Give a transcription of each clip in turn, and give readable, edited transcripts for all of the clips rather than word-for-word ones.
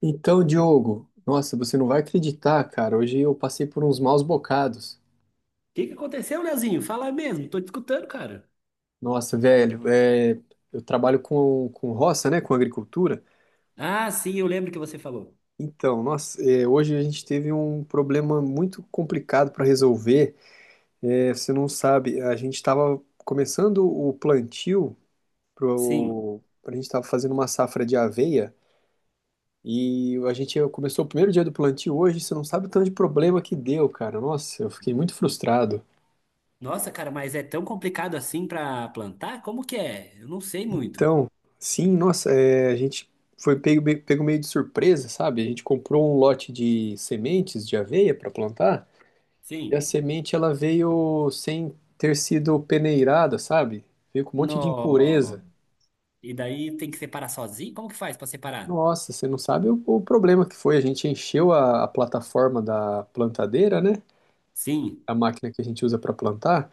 Então, Diogo, nossa, você não vai acreditar, cara. Hoje eu passei por uns maus bocados. Que aconteceu, Leozinho? Fala mesmo, tô te escutando, cara. Nossa, velho, eu trabalho com roça, né, com agricultura. Ah, sim, eu lembro que você falou. Então, nossa, hoje a gente teve um problema muito complicado para resolver. É, você não sabe, a gente estava começando o plantio, Sim. pro, a gente estava fazendo uma safra de aveia. E a gente começou o primeiro dia do plantio hoje, você não sabe o tanto de problema que deu, cara. Nossa, eu fiquei muito frustrado. Nossa, cara, mas é tão complicado assim pra plantar? Como que é? Eu não sei muito. Então, sim, nossa, a gente foi pego, pego meio de surpresa, sabe? A gente comprou um lote de sementes de aveia para plantar e a Sim. semente ela veio sem ter sido peneirada, sabe? Veio com um monte de impureza. No. E daí tem que separar sozinho? Como que faz pra separar? Nossa, você não sabe o problema que foi. A gente encheu a plataforma da plantadeira, né? Sim. A máquina que a gente usa para plantar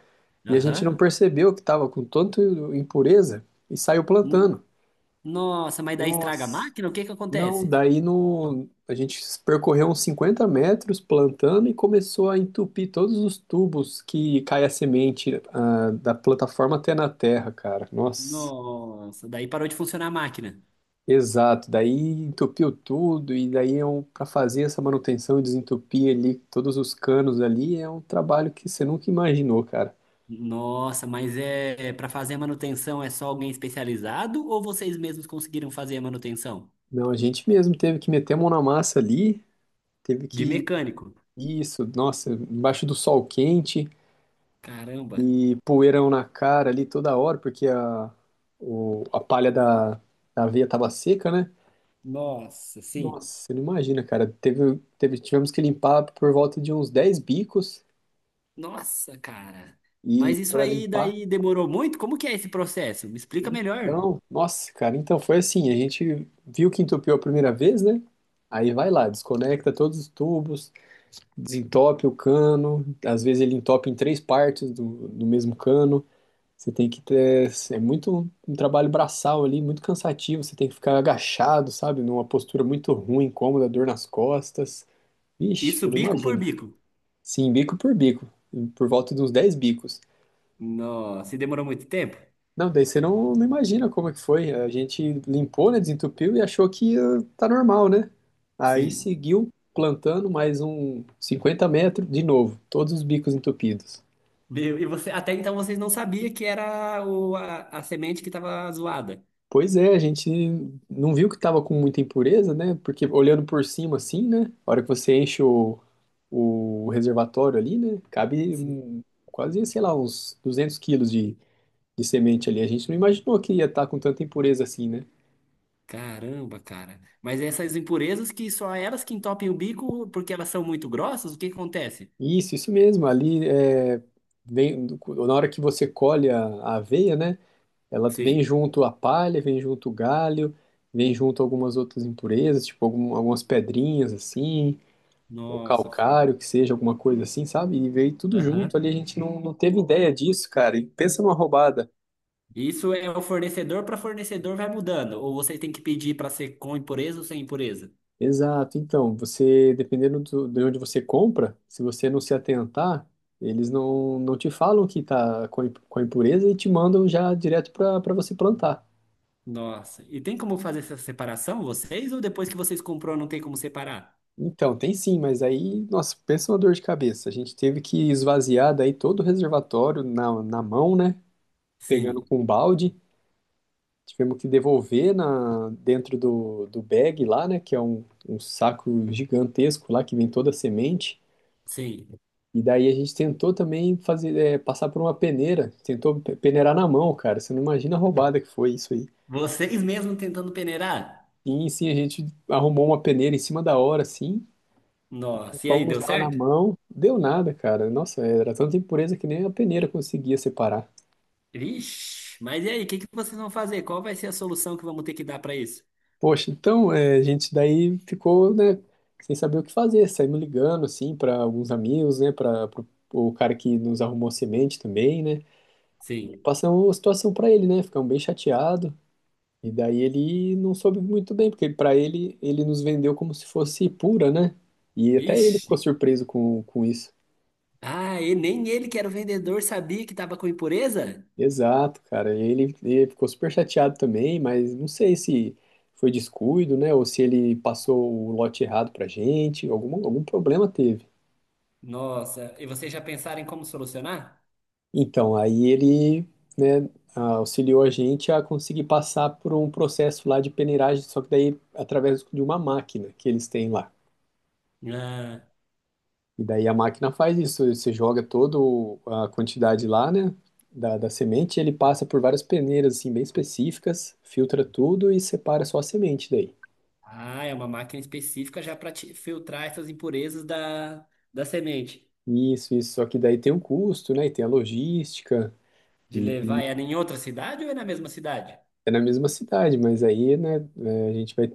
e a gente não Aham. percebeu que estava com tanto impureza e saiu No- plantando. Nossa, mas daí estraga a Nossa. máquina? O que que Não, acontece? daí no, a gente percorreu uns 50 metros plantando e começou a entupir todos os tubos que cai a semente, da plataforma até na terra, cara. Nossa, Nossa, daí parou de funcionar a máquina. exato. Daí entupiu tudo e daí para fazer essa manutenção e desentupir ali todos os canos ali é um trabalho que você nunca imaginou, cara. Nossa, mas é para fazer a manutenção é só alguém especializado ou vocês mesmos conseguiram fazer a manutenção? Não, a gente mesmo teve que meter a mão na massa ali, teve De que mecânico. isso, nossa, embaixo do sol quente. Caramba, E poeirão na cara ali toda hora, porque a palha da aveia tava seca, né? nossa, Nossa, sim. você não imagina, cara. Tivemos que limpar por volta de uns 10 bicos Nossa, cara. e Mas isso para aí limpar. daí demorou muito? Como que é esse processo? Me explica melhor. Então, nossa, cara, então foi assim, a gente viu que entupiu a primeira vez, né? Aí vai lá, desconecta todos os tubos, desentope o cano, às vezes ele entope em três partes do mesmo cano. Você tem que ter. É muito um trabalho braçal ali, muito cansativo. Você tem que ficar agachado, sabe? Numa postura muito ruim, incômoda, dor nas costas. Vixe, Isso você não bico por imagina. bico. Sim, bico por bico, por volta de uns 10 bicos. Nossa, e demorou muito tempo? Não, daí você não imagina como é que foi. A gente limpou, né? Desentupiu e achou que tá normal, né? Aí Sim. seguiu plantando mais um 50 metros de novo, todos os bicos entupidos. Meu, e você, até então vocês não sabiam que era a semente que estava zoada. Pois é, a gente não viu que estava com muita impureza, né? Porque olhando por cima assim, né? A hora que você enche o reservatório ali, né? Cabe Sim. Quase, sei lá, uns 200 quilos de semente ali. A gente não imaginou que ia estar com tanta impureza assim, né? Caramba, cara. Mas essas impurezas que só elas que entopem o bico porque elas são muito grossas, o que que acontece? Isso mesmo. Vem, na hora que você colhe a aveia, né? Ela vem Sim. junto a palha, vem junto o galho, vem junto algumas outras impurezas, tipo algumas pedrinhas assim. O Nossa, Fábio. calcário, que seja, alguma coisa assim, sabe? E veio tudo junto Aham. ali, a gente não teve ideia disso, cara. E pensa numa roubada. Isso é o fornecedor para fornecedor vai mudando. Ou você tem que pedir para ser com impureza ou sem impureza? Exato, então, você, dependendo de onde você compra, se você não se atentar, eles não te falam que tá com com a impureza e te mandam já direto para você plantar. Nossa. E tem como fazer essa separação, vocês? Ou depois que vocês comprou, não tem como separar? Então, tem sim, mas aí, nossa, pensa uma dor de cabeça. A gente teve que esvaziar daí todo o reservatório na mão, né? Pegando Sim, com um balde. Tivemos que devolver dentro do bag lá, né? Que é um saco gigantesco lá que vem toda a semente. sim. E daí a gente tentou também fazer, passar por uma peneira. Tentou peneirar na mão, cara. Você não imagina a roubada que foi isso aí. Vocês mesmos tentando peneirar? Sim, sim, a gente arrumou uma peneira em cima da hora, assim. E Nossa. E aí, fomos deu lá na certo? mão, deu nada, cara. Nossa, era tanta impureza que nem a peneira conseguia separar. Ixi. Mas e aí, o que que vocês vão fazer? Qual vai ser a solução que vamos ter que dar para isso? Poxa, então a gente daí ficou, né, sem saber o que fazer, saímos ligando, assim, para alguns amigos, né, para o cara que nos arrumou semente também, né, Sim. passamos a situação para ele, né, ficamos bem chateado e daí ele não soube muito bem, porque para ele, ele nos vendeu como se fosse pura, né, e até ele Ixi. ficou surpreso com isso. Ah, e nem ele, que era o vendedor, sabia que estava com impureza? Exato, cara, e ele ficou super chateado também, mas não sei se foi descuido, né, ou se ele passou o lote errado pra gente, algum problema teve. Nossa. E vocês já pensaram em como solucionar? Então, aí ele, né, auxiliou a gente a conseguir passar por um processo lá de peneiragem, só que daí através de uma máquina que eles têm lá. Ah. E daí a máquina faz isso, você joga toda a quantidade lá, né, da semente, ele passa por várias peneiras, assim, bem específicas, filtra tudo e separa só a semente daí. Ah, é uma máquina específica já para filtrar essas impurezas da semente. Isso, só que daí tem um custo, né, e tem a logística, De e levar ela em outra cidade ou é na mesma cidade? é na mesma cidade, mas aí, né, a gente vai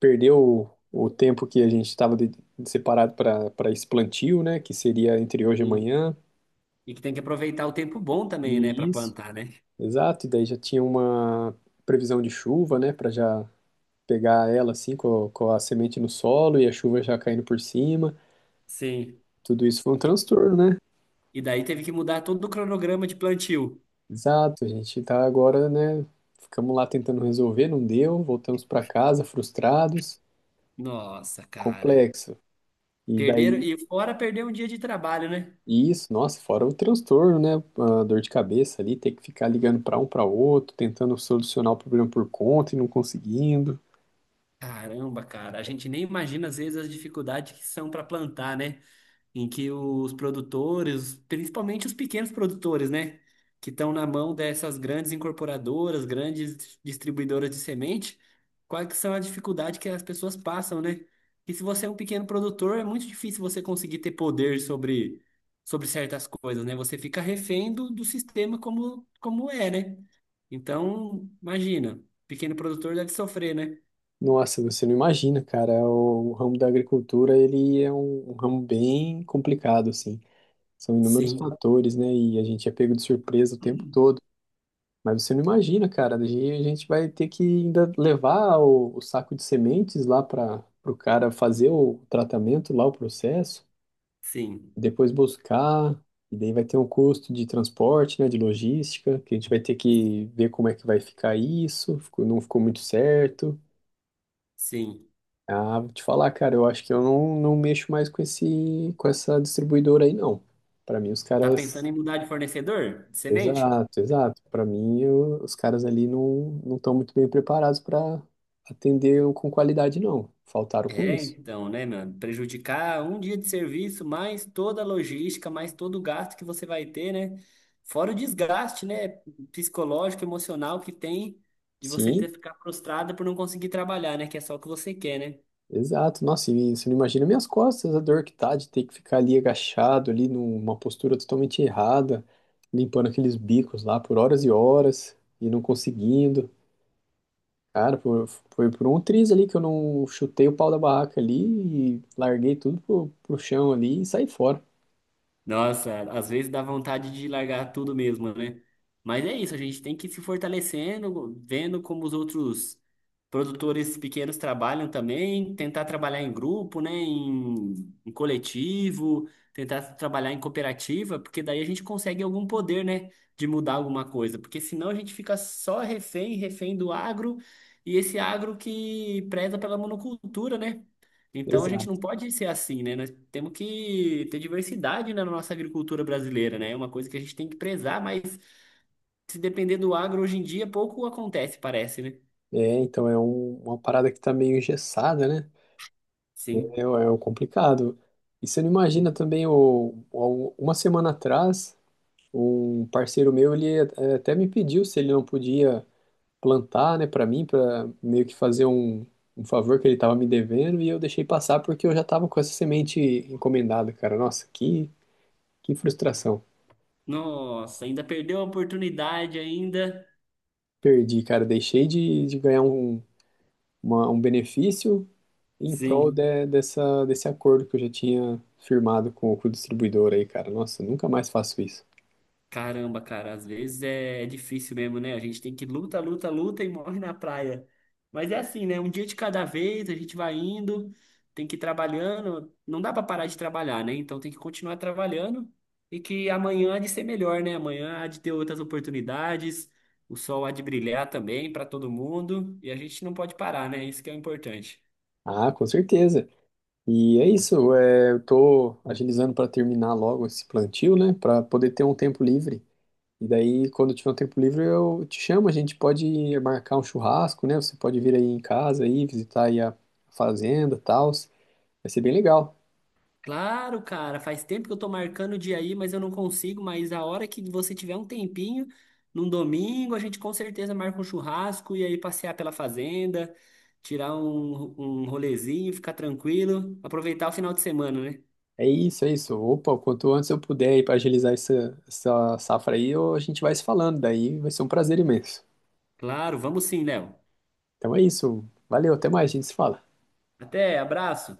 perder o tempo que a gente estava separado para esse plantio, né, que seria entre hoje e Sim. amanhã. E que tem que aproveitar o tempo bom também, né, para E isso. plantar, né? Exato, e daí já tinha uma previsão de chuva, né, para já pegar ela assim com a semente no solo e a chuva já caindo por cima. Sim. Tudo isso foi um E transtorno, né? e daí teve que mudar todo o cronograma de plantio. Exato, a gente tá agora, né, ficamos lá tentando resolver, não deu, voltamos para casa frustrados, Nossa, cara. complexo. E Perderam, daí. e fora perder um dia de trabalho, né? Isso, nossa, fora o transtorno, né? A dor de cabeça ali, ter que ficar ligando para um para outro, tentando solucionar o problema por conta e não conseguindo. Caramba, cara, a gente nem imagina às vezes as dificuldades que são para plantar, né? Em que os produtores, principalmente os pequenos produtores, né, que estão na mão dessas grandes incorporadoras, grandes distribuidoras de semente, quais que são a dificuldade que as pessoas passam, né? E se você é um pequeno produtor, é muito difícil você conseguir ter poder sobre, sobre certas coisas, né? Você fica refém do sistema como, como é, né? Então, imagina, pequeno produtor deve sofrer, né? Nossa, você não imagina, cara. O ramo da agricultura, ele é um ramo bem complicado, assim. São inúmeros Sim, fatores, né? E a gente é pego de surpresa o tempo todo. Mas você não imagina, cara. A gente vai ter que ainda levar o saco de sementes lá para o cara fazer o tratamento lá, o processo. sim, Depois buscar, e daí vai ter um custo de transporte, né, de logística, que a gente vai ter que ver como é que vai ficar isso, não ficou muito certo. sim. Ah, vou te falar, cara, eu acho que eu não mexo mais com essa distribuidora aí, não. Para mim, os Tá pensando caras. em mudar de fornecedor de semente? Exato, exato. Para mim, os caras ali não estão muito bem preparados para atender com qualidade, não. Faltaram com É, isso. então, né, mano? Prejudicar um dia de serviço, mais toda a logística, mais todo o gasto que você vai ter, né? Fora o desgaste, né, psicológico, emocional que tem de você Sim, ter que ficar frustrada por não conseguir trabalhar, né? Que é só o que você quer, né? exato, nossa, e você não imagina minhas costas, a dor que tá de ter que ficar ali agachado, ali numa postura totalmente errada, limpando aqueles bicos lá por horas e horas e não conseguindo. Cara, foi por um triz ali que eu não chutei o pau da barraca ali e larguei tudo pro, pro chão ali e saí fora. Nossa, às vezes dá vontade de largar tudo mesmo, né? Mas é isso, a gente tem que ir se fortalecendo, vendo como os outros produtores pequenos trabalham também, tentar trabalhar em grupo, né? Em, em coletivo, tentar trabalhar em cooperativa, porque daí a gente consegue algum poder, né? De mudar alguma coisa, porque senão a gente fica só refém, refém do agro, e esse agro que preza pela monocultura, né? Então a gente não Exato. pode ser assim, né? Nós temos que ter diversidade né, na nossa agricultura brasileira, né? É uma coisa que a gente tem que prezar, mas se depender do agro hoje em dia, pouco acontece, parece, né? É, então é uma parada que tá meio engessada, né? Sim. É, o é o complicado. E você não imagina também, uma semana atrás. Um parceiro meu, ele até me pediu se ele não podia plantar, né, para mim, para meio que fazer um favor que ele tava me devendo, e eu deixei passar porque eu já tava com essa semente encomendada, cara. Nossa, que frustração. Nossa, ainda perdeu a oportunidade ainda. Perdi, cara. Deixei de ganhar um benefício em prol Sim. desse acordo que eu já tinha firmado com o distribuidor aí, cara. Nossa, nunca mais faço isso. Caramba, cara, às vezes é difícil mesmo, né? A gente tem que luta, luta, luta e morre na praia. Mas é assim, né? Um dia de cada vez, a gente vai indo, tem que ir trabalhando. Não dá pra parar de trabalhar, né? Então tem que continuar trabalhando e que amanhã há de ser melhor, né? Amanhã há de ter outras oportunidades, o sol há de brilhar também para todo mundo e a gente não pode parar, né? Isso que é o importante. Ah, com certeza. E é isso, eu tô agilizando para terminar logo esse plantio, né, para poder ter um tempo livre. E daí, quando tiver um tempo livre, eu te chamo, a gente pode marcar um churrasco, né? Você pode vir aí em casa aí, visitar aí a fazenda, tal. Vai ser bem legal. Claro, cara, faz tempo que eu tô marcando o dia aí, mas eu não consigo. Mas a hora que você tiver um tempinho, num domingo, a gente com certeza marca um churrasco e aí passear pela fazenda, tirar um, um rolezinho, ficar tranquilo, aproveitar o final de semana, né? É isso, é isso. Opa, quanto antes eu puder aí para agilizar essa safra aí, a gente vai se falando, daí vai ser um prazer imenso. Claro, vamos sim, Léo. Então é isso. Valeu, até mais, a gente se fala. Até, abraço.